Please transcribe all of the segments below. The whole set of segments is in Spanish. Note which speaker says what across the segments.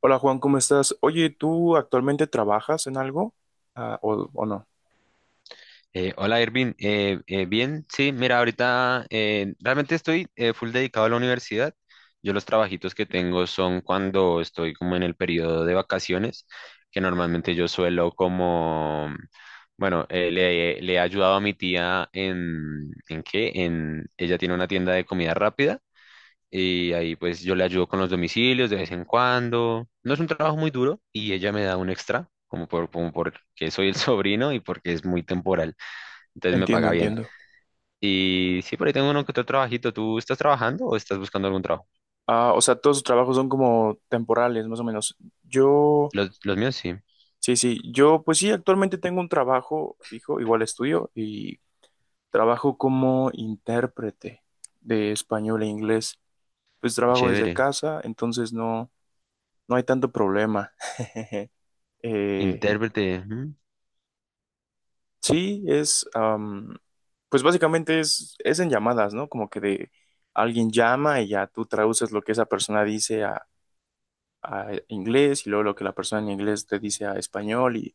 Speaker 1: Hola Juan, ¿cómo estás? Oye, ¿tú actualmente trabajas en algo? Ah, o no?
Speaker 2: Hola Irvin. Bien, sí, mira, ahorita realmente estoy full dedicado a la universidad. Yo los trabajitos que tengo son cuando estoy como en el periodo de vacaciones, que normalmente yo suelo como, bueno, le he ayudado a mi tía ¿en qué? En, ella tiene una tienda de comida rápida y ahí pues yo le ayudo con los domicilios de vez en cuando. No es un trabajo muy duro y ella me da un extra, como porque soy el sobrino y porque es muy temporal, entonces me
Speaker 1: Entiendo,
Speaker 2: paga bien.
Speaker 1: entiendo.
Speaker 2: Y sí, por ahí tengo uno que otro trabajito. ¿Tú estás trabajando o estás buscando algún trabajo?
Speaker 1: Ah, o sea, todos tus trabajos son como temporales, más o menos. Yo,
Speaker 2: Los míos sí.
Speaker 1: sí, sí, yo pues sí, actualmente tengo un trabajo fijo, igual estudio, y trabajo como intérprete de español e inglés. Pues trabajo desde
Speaker 2: Chévere.
Speaker 1: casa, entonces no, no hay tanto problema. Eh,
Speaker 2: Intérprete, ujú.
Speaker 1: Sí, es, pues básicamente es en llamadas, ¿no? Como que de alguien llama y ya tú traduces lo que esa persona dice a inglés y luego lo que la persona en inglés te dice a español y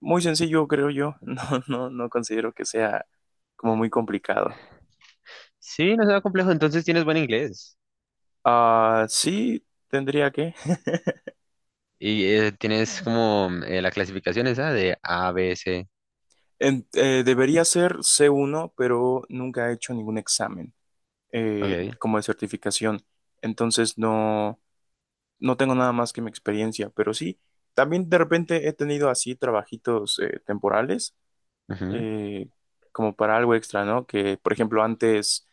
Speaker 1: muy sencillo, creo yo. No, no, no considero que sea como muy complicado.
Speaker 2: Sí, no será complejo, entonces tienes buen inglés.
Speaker 1: Ah, sí, tendría que.
Speaker 2: Y tienes como la clasificación esa de A, B, C.
Speaker 1: Debería ser C1, pero nunca he hecho ningún examen
Speaker 2: Ok.
Speaker 1: como de certificación. Entonces no, no tengo nada más que mi experiencia, pero sí, también de repente he tenido así trabajitos temporales,
Speaker 2: Ujú.
Speaker 1: eh, como para algo extra, ¿no? Que, por ejemplo, antes,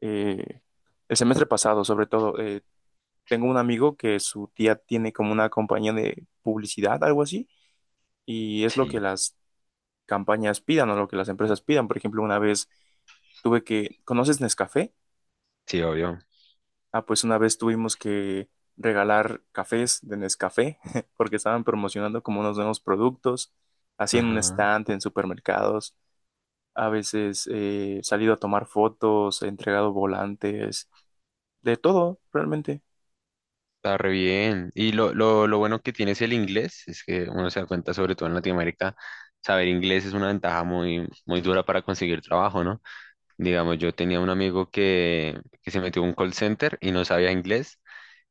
Speaker 1: eh, el semestre pasado, sobre todo, tengo un amigo que su tía tiene como una compañía de publicidad, algo así, y es lo que
Speaker 2: Sí,
Speaker 1: las campañas pidan o lo que las empresas pidan. Por ejemplo, una vez tuve que, ¿conoces Nescafé?
Speaker 2: sí, obvio.
Speaker 1: Ah, pues una vez tuvimos que regalar cafés de Nescafé porque estaban promocionando como unos nuevos productos, así en un
Speaker 2: Ajá.
Speaker 1: estante, en supermercados. A veces he salido a tomar fotos, he entregado volantes, de todo, realmente.
Speaker 2: Está re bien. Y lo bueno que tienes el inglés es que uno se da cuenta, sobre todo en Latinoamérica, saber inglés es una ventaja muy, muy dura para conseguir trabajo, ¿no? Digamos, yo tenía un amigo que se metió a un call center y no sabía inglés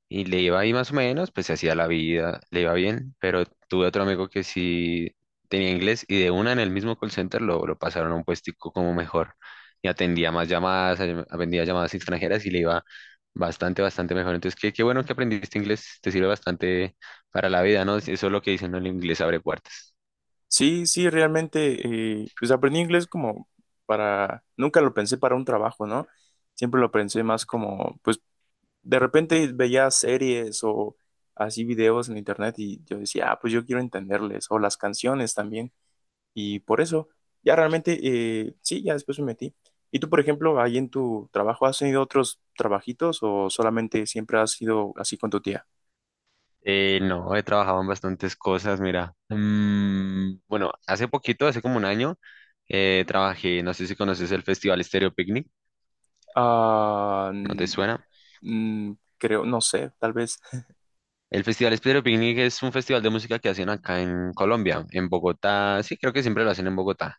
Speaker 2: y le iba ahí más o menos, pues se hacía la vida, le iba bien, pero tuve otro amigo que sí tenía inglés y de una en el mismo call center lo pasaron a un puestico como mejor y atendía más llamadas, atendía llamadas extranjeras y le iba bastante, bastante mejor. Entonces, qué bueno que aprendiste inglés, te sirve bastante para la vida, ¿no? Eso es lo que dicen, ¿no? El inglés abre puertas.
Speaker 1: Sí, sí, realmente, pues aprendí inglés como para, nunca lo pensé para un trabajo, ¿no? Siempre lo pensé más como, pues de repente veía series o así videos en internet y yo decía, ah, pues yo quiero entenderles, o las canciones también. Y por eso, ya realmente, sí, ya después me metí. ¿Y tú, por ejemplo, ahí en tu trabajo, has tenido otros trabajitos o solamente siempre has sido así con tu tía?
Speaker 2: No, he trabajado en bastantes cosas, mira. Mm, bueno, hace poquito, hace como un año, trabajé, no sé si conoces el Festival Estéreo Picnic,
Speaker 1: Ah,
Speaker 2: ¿no te
Speaker 1: mm,
Speaker 2: suena?
Speaker 1: mm, creo, no sé, tal vez.
Speaker 2: El Festival Estéreo Picnic es un festival de música que hacen acá en Colombia, en Bogotá, sí, creo que siempre lo hacen en Bogotá,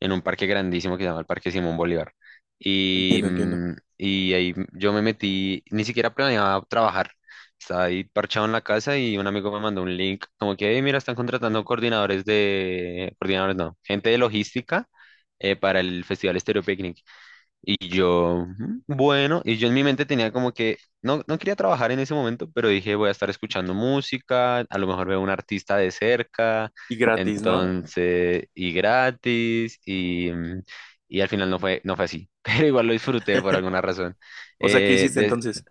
Speaker 2: en un parque grandísimo que se llama el Parque Simón Bolívar. Y,
Speaker 1: Entiendo, entiendo.
Speaker 2: mm, y ahí yo me metí, ni siquiera planeaba trabajar. Estaba ahí parchado en la casa y un amigo me mandó un link como que, "Hey, mira, están contratando coordinadores de, coordinadores no, gente de logística para el Festival Estéreo Picnic". Y yo, "Mm, bueno", y yo en mi mente tenía como que, no, no quería trabajar en ese momento, pero dije, voy a estar escuchando música, a lo mejor veo un artista de cerca,
Speaker 1: Y gratis, ¿no?
Speaker 2: entonces, y gratis, y, mm, y al final no fue, no fue así, pero igual lo disfruté por alguna razón.
Speaker 1: O sea, ¿qué
Speaker 2: Eh,
Speaker 1: hiciste entonces?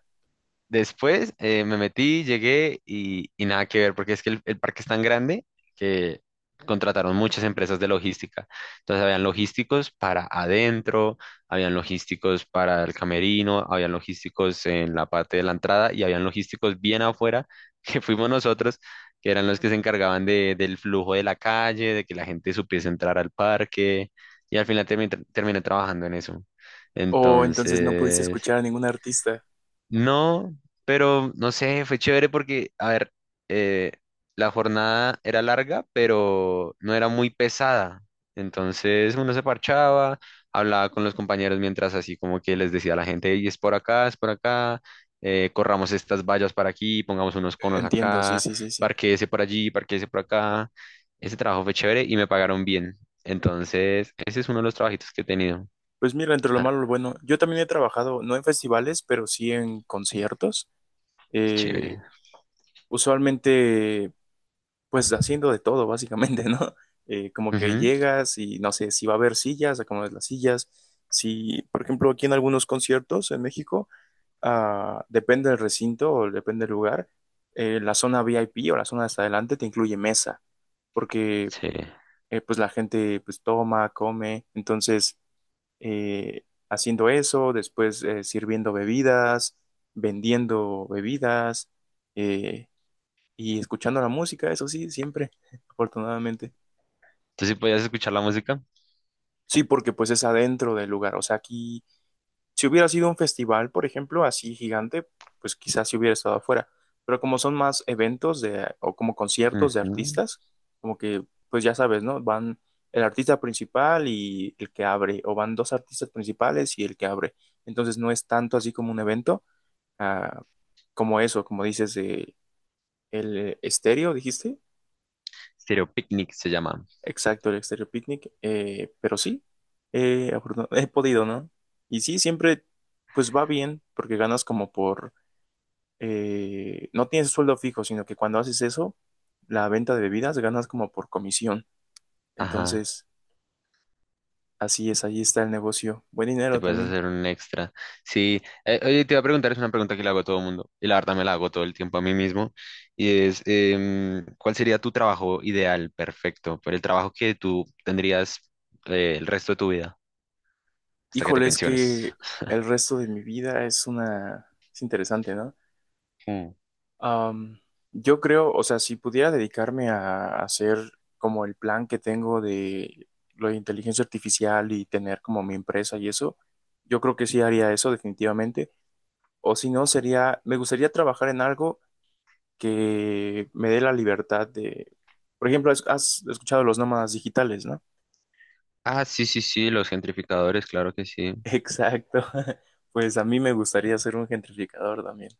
Speaker 2: Después me metí, llegué y nada que ver, porque es que el parque es tan grande que contrataron muchas empresas de logística. Entonces habían logísticos para adentro, habían logísticos para el camerino, habían logísticos en la parte de la entrada y habían logísticos bien afuera, que fuimos nosotros, que eran los que se encargaban del flujo de la calle, de que la gente supiese entrar al parque y al final terminé trabajando en eso.
Speaker 1: ¿O entonces no pudiste
Speaker 2: Entonces...
Speaker 1: escuchar a ningún artista?
Speaker 2: No, pero no sé, fue chévere porque, a ver, eh, la jornada era larga, pero no era muy pesada. Entonces uno se parchaba, hablaba con los compañeros mientras así como que les decía a la gente, y es por acá, corramos estas vallas para aquí, pongamos unos conos
Speaker 1: Entiendo, sí,
Speaker 2: acá,
Speaker 1: sí, sí, sí.
Speaker 2: parquéese por allí, parquéese por acá. Ese trabajo fue chévere y me pagaron bien. Entonces, ese es uno de los trabajitos que he tenido.
Speaker 1: Pues mira, entre lo
Speaker 2: Ah,
Speaker 1: malo y lo bueno, yo también he trabajado, no en festivales, pero sí en conciertos.
Speaker 2: qué
Speaker 1: eh,
Speaker 2: chévere.
Speaker 1: Usualmente, pues haciendo de todo, básicamente, ¿no? Como que
Speaker 2: Ujú,
Speaker 1: llegas y no sé si va a haber sillas, acomodas las sillas. Si, por ejemplo, aquí en algunos conciertos en México, ah, depende del recinto o depende del lugar, la zona VIP o la zona de hasta adelante te incluye mesa, porque
Speaker 2: sí.
Speaker 1: pues la gente pues toma, come, entonces haciendo eso, después sirviendo bebidas, vendiendo bebidas eh, y escuchando la música, eso sí, siempre, afortunadamente.
Speaker 2: ¿Tú sí podías escuchar la música?
Speaker 1: Sí, porque pues es adentro del lugar, o sea, aquí si hubiera sido un festival, por ejemplo, así gigante, pues quizás si hubiera estado afuera. Pero como son más eventos de, o como conciertos de
Speaker 2: Ujú.
Speaker 1: artistas, como que, pues ya sabes, ¿no? Van el artista principal y el que abre, o van dos artistas principales y el que abre. Entonces no es tanto así como un evento, ah, como eso, como dices, el estéreo, dijiste.
Speaker 2: Stereo Picnic se llama.
Speaker 1: Exacto, el Exterior Picnic, pero sí, he podido, ¿no? Y sí, siempre, pues va bien, porque ganas como por no tienes sueldo fijo, sino que cuando haces eso, la venta de bebidas ganas como por comisión.
Speaker 2: Ajá,
Speaker 1: Entonces, así es, ahí está el negocio. Buen
Speaker 2: te
Speaker 1: dinero
Speaker 2: puedes
Speaker 1: también.
Speaker 2: hacer un extra. Sí, oye, te iba a preguntar, es una pregunta que le hago a todo el mundo, y la verdad me la hago todo el tiempo a mí mismo, y es, ¿cuál sería tu trabajo ideal, perfecto, pero el trabajo que tú tendrías el resto de tu vida, hasta que te
Speaker 1: Híjole, es
Speaker 2: pensiones?
Speaker 1: que el resto de mi vida es una... Es interesante, ¿no?
Speaker 2: Mm.
Speaker 1: Am, yo creo, o sea, si pudiera dedicarme a hacer como el plan que tengo de lo de inteligencia artificial y tener como mi empresa y eso, yo creo que sí haría eso definitivamente. O si no, sería, me gustaría trabajar en algo que me dé la libertad de, por ejemplo, has escuchado los nómadas digitales, ¿no?
Speaker 2: Ah, sí, sí, sí, los gentrificadores, claro que sí.
Speaker 1: Exacto. Pues a mí me gustaría ser un gentrificador también.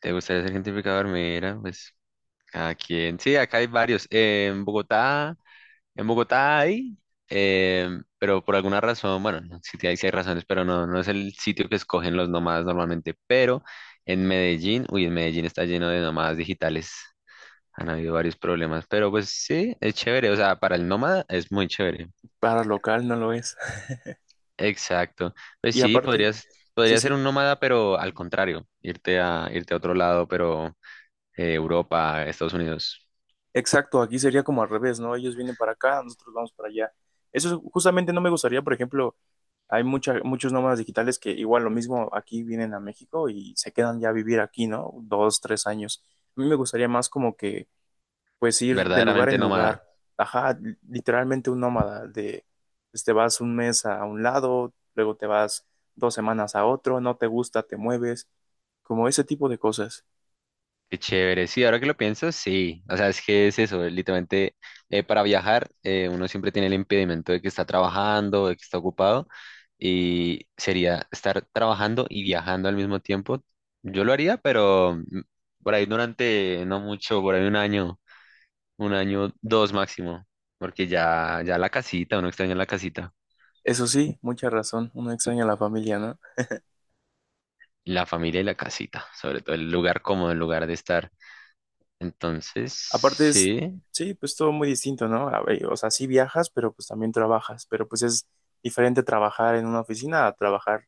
Speaker 2: ¿Te gustaría ser gentrificador? Mira, pues, ¿a quién? Sí, acá hay varios en Bogotá. En Bogotá hay, eh, pero por alguna razón, bueno, no, sí hay razones, pero no, no es el sitio que escogen los nómadas normalmente. Pero en Medellín, uy, en Medellín está lleno de nómadas digitales. Han habido varios problemas, pero pues sí, es chévere. O sea, para el nómada es muy chévere.
Speaker 1: Para local no lo es.
Speaker 2: Exacto. Pues
Speaker 1: Y
Speaker 2: sí,
Speaker 1: aparte,
Speaker 2: podrías,
Speaker 1: sí,
Speaker 2: podría ser
Speaker 1: sí,
Speaker 2: un nómada, pero al contrario, irte a, irte a otro lado, pero Europa, Estados Unidos,
Speaker 1: exacto, aquí sería como al revés, ¿no? Ellos vienen para acá, nosotros vamos para allá. Justamente no me gustaría, por ejemplo, hay muchos nómadas digitales que igual lo mismo aquí vienen a México y se quedan ya a vivir aquí, ¿no? Dos, tres años. A mí me gustaría más como que pues ir de lugar en
Speaker 2: verdaderamente nómada.
Speaker 1: lugar. Ajá, literalmente un nómada de, pues, te vas un mes a un lado, luego te vas dos semanas a otro, no te gusta, te mueves, como ese tipo de cosas.
Speaker 2: Qué chévere, sí, ahora que lo pienso, sí. O sea, es que es eso, literalmente para viajar uno siempre tiene el impedimento de que está trabajando, de que está ocupado y sería estar trabajando y viajando al mismo tiempo. Yo lo haría, pero mm, por ahí durante no mucho, por ahí un año, dos máximo, porque ya, ya la casita, uno extraña la casita,
Speaker 1: Eso sí, mucha razón, uno extraña a la familia, ¿no?
Speaker 2: la familia y la casita, sobre todo el lugar cómodo, el lugar de estar. Entonces,
Speaker 1: Aparte es,
Speaker 2: sí.
Speaker 1: sí, pues todo muy distinto, ¿no? A ver, o sea, sí viajas, pero pues también trabajas, pero pues es diferente trabajar en una oficina a trabajar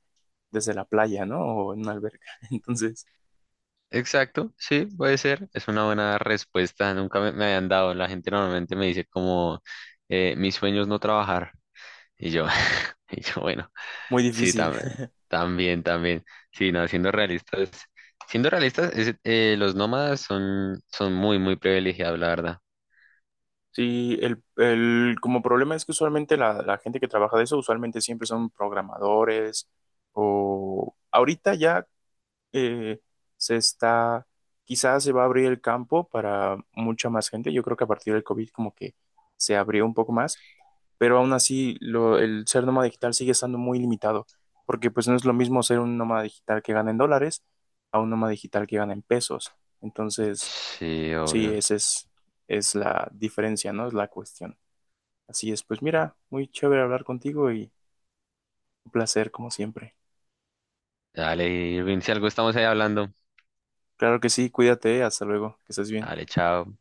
Speaker 1: desde la playa, ¿no? O en una alberca. Entonces,
Speaker 2: Exacto, sí, puede ser. Es una buena respuesta. Nunca me habían dado. La gente normalmente me dice como, mi sueño es no trabajar. Y yo, y yo, bueno,
Speaker 1: muy
Speaker 2: sí,
Speaker 1: difícil.
Speaker 2: también, también, también. Sí, no, siendo realistas, los nómadas son, son muy, muy privilegiados, la verdad.
Speaker 1: Sí, como problema es que usualmente la gente que trabaja de eso, usualmente siempre son programadores o ahorita ya eh, se está, quizás se va a abrir el campo para mucha más gente. Yo creo que a partir del COVID como que se abrió un poco más, pero aún así el ser nómada digital sigue estando muy limitado, porque pues no es lo mismo ser un nómada digital que gana en dólares a un nómada digital que gana en pesos. Entonces
Speaker 2: Sí,
Speaker 1: sí,
Speaker 2: obvio.
Speaker 1: esa es la diferencia, ¿no? Es la cuestión. Así es, pues mira, muy chévere hablar contigo y un placer como siempre.
Speaker 2: Dale, Irving, si algo estamos ahí hablando.
Speaker 1: Claro que sí, cuídate, hasta luego, que estés bien.
Speaker 2: Dale, chao.